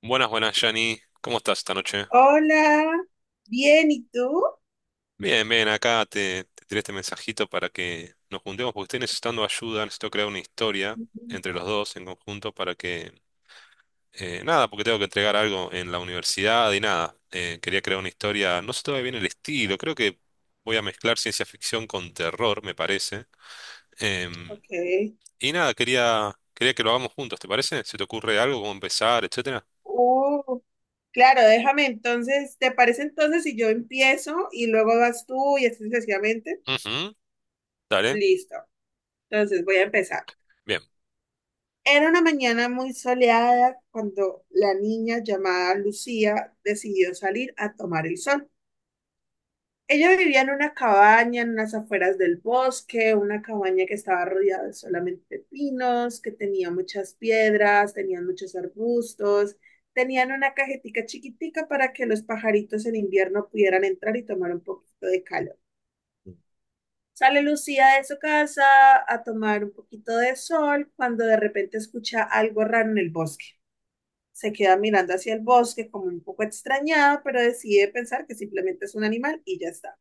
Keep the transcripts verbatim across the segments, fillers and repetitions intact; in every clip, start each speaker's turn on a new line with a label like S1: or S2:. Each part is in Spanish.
S1: Buenas, buenas, Yanni. ¿Cómo estás esta noche?
S2: Hola, bien, ¿y tú?
S1: Bien, bien, acá te, te tiré este mensajito para que nos juntemos porque estoy necesitando ayuda, necesito crear una historia
S2: Ujú.
S1: entre los dos en conjunto para que... eh, nada, porque tengo que entregar algo en la universidad y nada. eh, quería crear una historia, no sé todavía bien el estilo, creo que voy a mezclar ciencia ficción con terror, me parece. Em,
S2: Ok.
S1: y nada, quería, quería que lo hagamos juntos, ¿te parece? ¿Se te ocurre algo, cómo empezar, etcétera?
S2: Uh, claro, déjame entonces, ¿te parece entonces si yo empiezo y luego vas tú y así sucesivamente?
S1: Ujú, dale.
S2: Listo. Entonces voy a empezar.
S1: Bien,
S2: Era una mañana muy soleada cuando la niña llamada Lucía decidió salir a tomar el sol. Ella vivía en una cabaña en las afueras del bosque, una cabaña que estaba rodeada solamente de pinos, que tenía muchas piedras, tenían muchos arbustos, tenían una cajetica chiquitica para que los pajaritos en invierno pudieran entrar y tomar un poquito de calor. Sale Lucía de su casa a tomar un poquito de sol cuando de repente escucha algo raro en el bosque. Se queda mirando hacia el bosque como un poco extrañada, pero decide pensar que simplemente es un animal y ya está.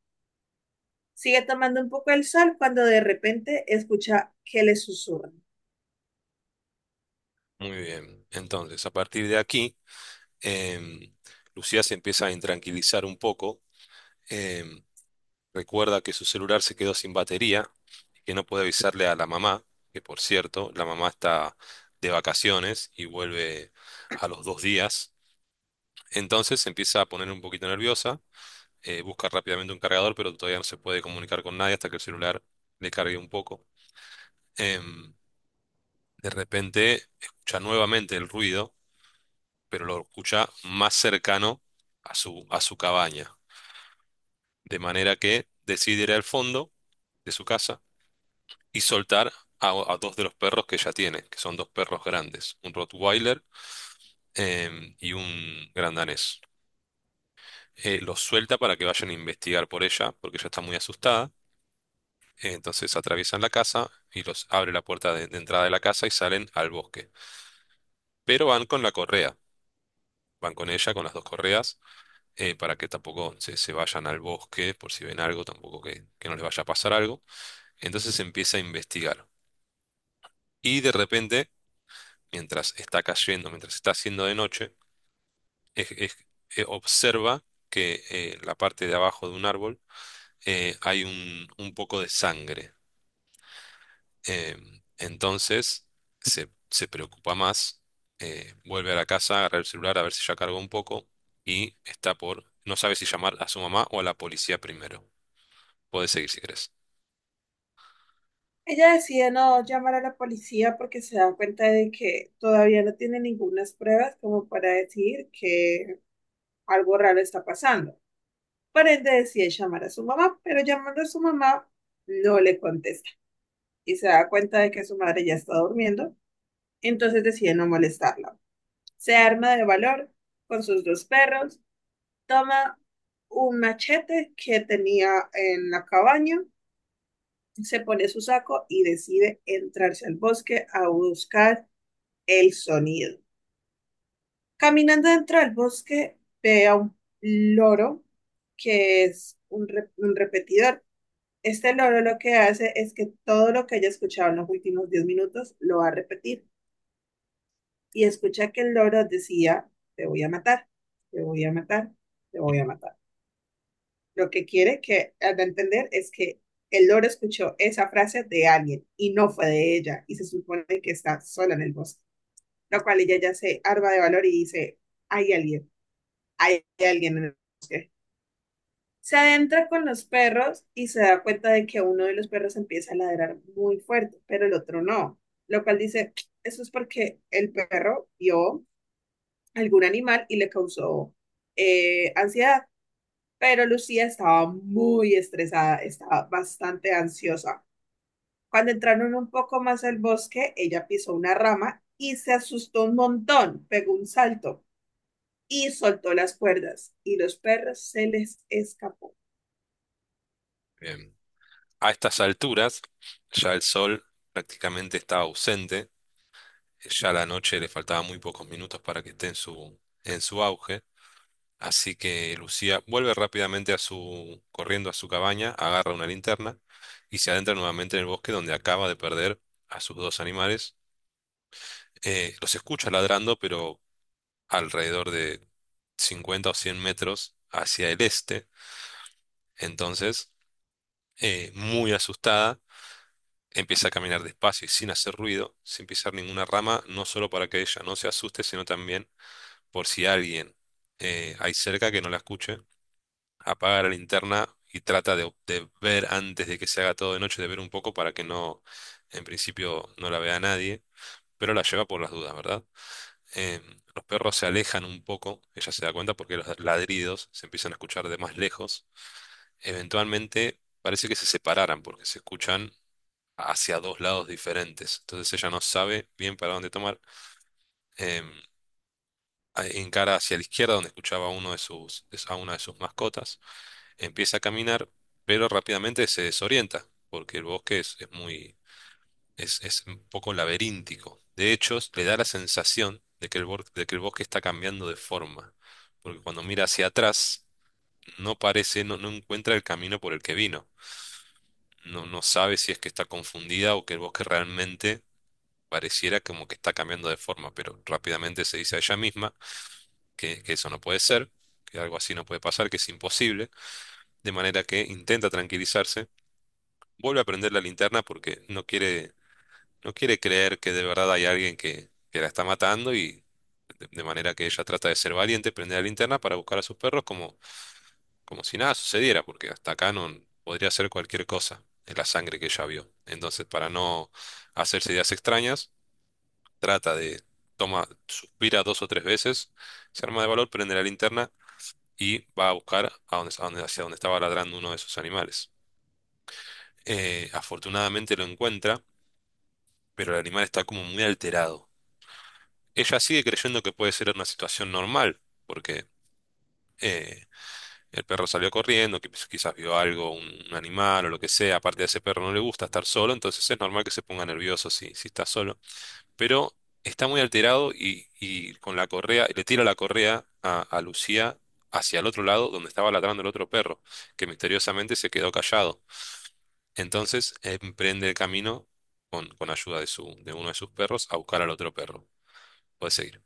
S2: Sigue tomando un poco el sol cuando de repente escucha que le susurran.
S1: muy bien. Entonces, a partir de aquí... Em, Lucía se empieza a intranquilizar un poco. em, recuerda que su celular se quedó sin batería y que no puede avisarle a la mamá, que por cierto, la mamá está de vacaciones y vuelve a los dos días. Entonces se empieza a poner un poquito nerviosa, eh, busca rápidamente un cargador, pero todavía no se puede comunicar con nadie hasta que el celular le cargue un poco. Em, de repente escucha nuevamente el ruido, pero lo escucha más cercano a su, a su cabaña. De manera que decide ir al fondo de su casa y soltar a, a dos de los perros que ya tiene, que son dos perros grandes, un Rottweiler em, y un gran danés. Eh, los suelta para que vayan a investigar por ella, porque ella está muy asustada. Eh, Entonces atraviesan la casa y los abre la puerta de, de entrada de la casa y salen al bosque. Pero van con la correa, van con ella, con las dos correas, eh, para que tampoco se, se vayan al bosque, por si ven algo, tampoco que, que no les vaya a pasar algo. Entonces empieza a investigar. Y de repente, mientras está cayendo, mientras está haciendo de noche, es- es- eh, observa que eh, en la parte de abajo de un árbol eh, hay un, un poco de sangre. Em, entonces se, se preocupa más, eh, vuelve a la casa, agarra el celular a ver si ya cargó un poco y está por, no sabe si llamar a su mamá o a la policía primero. Puedes seguir si querés.
S2: Ella decide no llamar a la policía porque se da cuenta de que todavía no tiene ninguna pruebas como para decir que algo raro está pasando. Por ende decide llamar a su mamá, pero llamando a su mamá no le contesta y se da cuenta de que su madre ya está durmiendo, entonces decide no molestarla. Se arma de valor con sus dos perros, toma un machete que tenía en la cabaña, se pone su saco y decide entrarse al bosque a buscar el sonido. Caminando dentro del bosque, ve a un loro que es un, re- un repetidor. Este loro lo que hace es que todo lo que haya escuchado en los últimos diez minutos lo va a repetir. Y escucha que el loro decía, te voy a matar, te voy a matar, te voy a matar. Lo que quiere que al entender es que el loro escuchó esa frase de alguien y no fue de ella y se supone que está sola en el bosque, lo cual ella ya se arma de valor y dice, hay alguien, hay alguien en el bosque. Se adentra con los perros y se da cuenta de que uno de los perros empieza a ladrar muy fuerte, pero el otro no, lo cual dice, eso es porque el perro vio algún animal y le causó eh, ansiedad, pero Lucía estaba muy estresada, estaba bastante ansiosa. Cuando entraron un poco más al bosque, ella pisó una rama y se asustó un montón, pegó un salto y soltó las cuerdas y los perros se les escapó.
S1: Em, a estas alturas, ya el sol prácticamente está ausente. Ya a la noche le faltaban muy pocos minutos para que esté en su, en su auge, así que Lucía vuelve rápidamente a su, corriendo a su cabaña, agarra una linterna y se adentra nuevamente en el bosque donde acaba de perder a sus dos animales. Eh, los escucha ladrando, pero alrededor de cincuenta o cien metros hacia el este. Entonces, eh, muy asustada, empieza a caminar despacio y sin hacer ruido, sin pisar ninguna rama, no solo para que ella no se asuste, sino también por si alguien eh, hay cerca que no la escuche, apaga la linterna y trata de, de ver antes de que se haga todo de noche, de ver un poco para que no, en principio, no la vea nadie, pero la lleva por las dudas, ¿verdad? Em, los perros se alejan un poco, ella se da cuenta porque los ladridos se empiezan a escuchar de más lejos. Eventualmente parece que se separaran porque se escuchan hacia dos lados diferentes, entonces ella no sabe bien para dónde tomar. Em, a- encara hacia la izquierda donde escuchaba a uno de sus, es- a una de sus mascotas, empieza a caminar, pero rápidamente se desorienta, porque el bosque es, es muy, es, es un poco laberíntico. De hecho, le da la sensación de que el, bor- de que el bosque está cambiando de forma, porque cuando mira hacia atrás, no parece, no, no encuentra el camino por el que vino. No, no sabe si es que está confundida o que el bosque realmente pareciera como que está cambiando de forma, pero rápidamente se dice a ella misma que, que eso no puede ser, que algo así no puede pasar, que es imposible, de manera que intenta tranquilizarse, vuelve a prender la linterna porque no quiere, no quiere creer que de verdad hay alguien que, que la está matando y de, de manera que ella trata de ser valiente, prende la linterna para buscar a sus perros como, como si nada sucediera, porque hasta acá no podría ser cualquier cosa en la sangre que ella vio. Entonces, para no hacerse ideas extrañas, trata de, toma, suspira dos o tres veces, se arma de valor, prende la linterna y va a buscar a donde- a donde- hacia donde estaba ladrando uno de esos animales. Eh, afortunadamente lo encuentra, pero el animal está como muy alterado. Ella sigue creyendo que puede ser una situación normal, porque eh, el perro salió corriendo, que pues quizás vio algo, un, un animal o lo que sea. Aparte a ese perro no le gusta estar solo, entonces es normal que se ponga nervioso si, si está solo. Pero está muy alterado y, y con la correa, le tira la correa a, a Lucía hacia el otro lado donde estaba ladrando el otro perro, que misteriosamente se quedó callado. Entonces emprende el camino con, con ayuda de, su, de uno de sus perros a buscar al otro perro. Puedes seguir.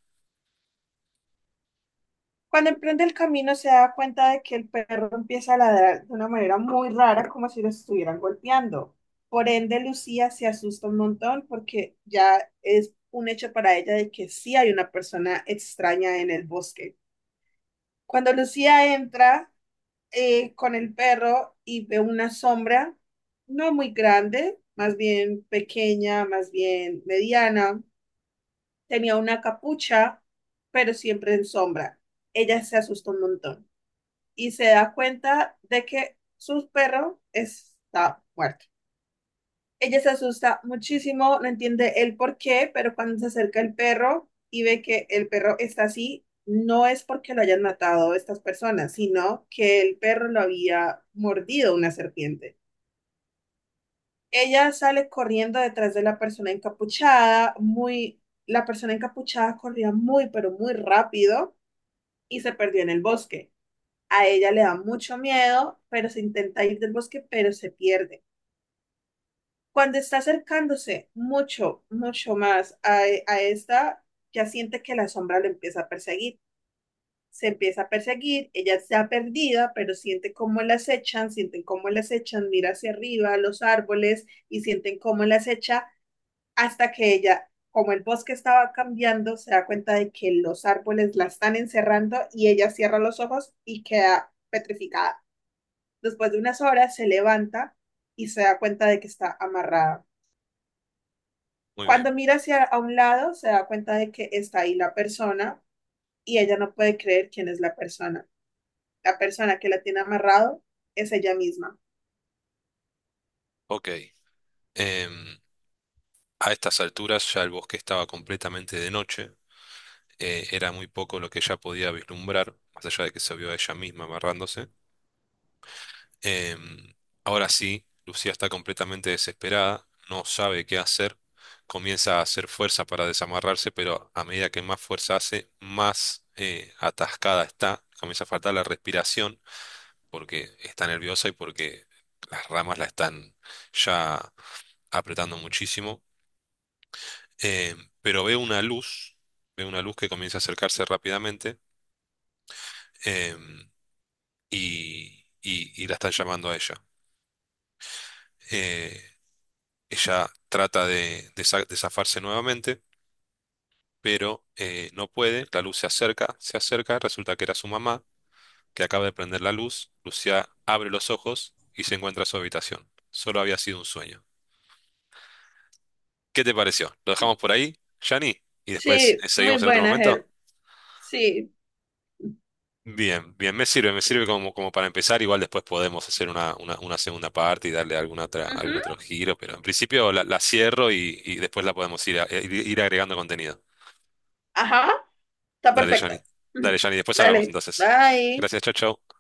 S2: Cuando emprende el camino se da cuenta de que el perro empieza a ladrar de una manera muy rara, como si lo estuvieran golpeando. Por ende, Lucía se asusta un montón porque ya es un hecho para ella de que sí hay una persona extraña en el bosque. Cuando Lucía entra eh, con el perro y ve una sombra, no muy grande, más bien pequeña, más bien mediana, tenía una capucha, pero siempre en sombra. Ella se asustó un montón y se da cuenta de que su perro está muerto. Ella se asusta muchísimo, no entiende el por qué, pero cuando se acerca el perro y ve que el perro está así, no es porque lo hayan matado estas personas, sino que el perro lo había mordido una serpiente. Ella sale corriendo detrás de la persona encapuchada, muy, la persona encapuchada corría muy, pero muy rápido y se perdió en el bosque. A ella le da mucho miedo, pero se intenta ir del bosque, pero se pierde. Cuando está acercándose mucho, mucho más a, e, a esta, ya siente que la sombra lo empieza a perseguir. Se empieza a perseguir, ella está perdida, pero siente cómo la acechan, sienten cómo la acechan, mira hacia arriba, los árboles, y sienten cómo la acecha hasta que ella, como el bosque estaba cambiando, se da cuenta de que los árboles la están encerrando y ella cierra los ojos y queda petrificada. Después de unas horas se levanta y se da cuenta de que está amarrada.
S1: Muy bien.
S2: Cuando mira hacia a un lado, se da cuenta de que está ahí la persona y ella no puede creer quién es la persona. La persona que la tiene amarrado es ella misma.
S1: Ok. Em, a estas alturas ya el bosque estaba completamente de noche. eh, era muy poco lo que ella podía vislumbrar, más allá de que se vio a ella misma amarrándose. Em, ahora sí, Lucía está completamente desesperada, no sabe qué hacer. Comienza a hacer fuerza para desamarrarse, pero a medida que más fuerza hace, más eh, atascada está. Comienza a faltar la respiración porque está nerviosa y porque las ramas la están ya apretando muchísimo. Eh, pero ve una luz, ve una luz que comienza a acercarse rápidamente, eh, y, y- y la están llamando a ella. Eh, ella trata de, de sa- de zafarse nuevamente, pero eh, no puede. La luz se acerca, se acerca, resulta que era su mamá que acaba de prender la luz. Lucia abre los ojos y se encuentra en su habitación. Solo había sido un sueño. ¿Qué te pareció? ¿Lo dejamos por ahí, Yanni? ¿Y después
S2: Sí,
S1: eh,
S2: muy
S1: seguimos en otro
S2: buena,
S1: momento?
S2: Ger. Sí.
S1: Bien, bien, me sirve, me sirve como, como para empezar. Igual después podemos hacer una, una, una segunda parte y darle alguna otra, algún
S2: Ujú.
S1: otro giro, pero en principio la, la cierro y, y después la podemos ir, a- eh, ir, ir agregando contenido.
S2: Ajá, está
S1: Dale, Yanni.
S2: perfecta.
S1: Dale,
S2: Ujú.
S1: Yanni, después hablamos
S2: Dale,
S1: entonces.
S2: bye.
S1: Gracias, chau, chau.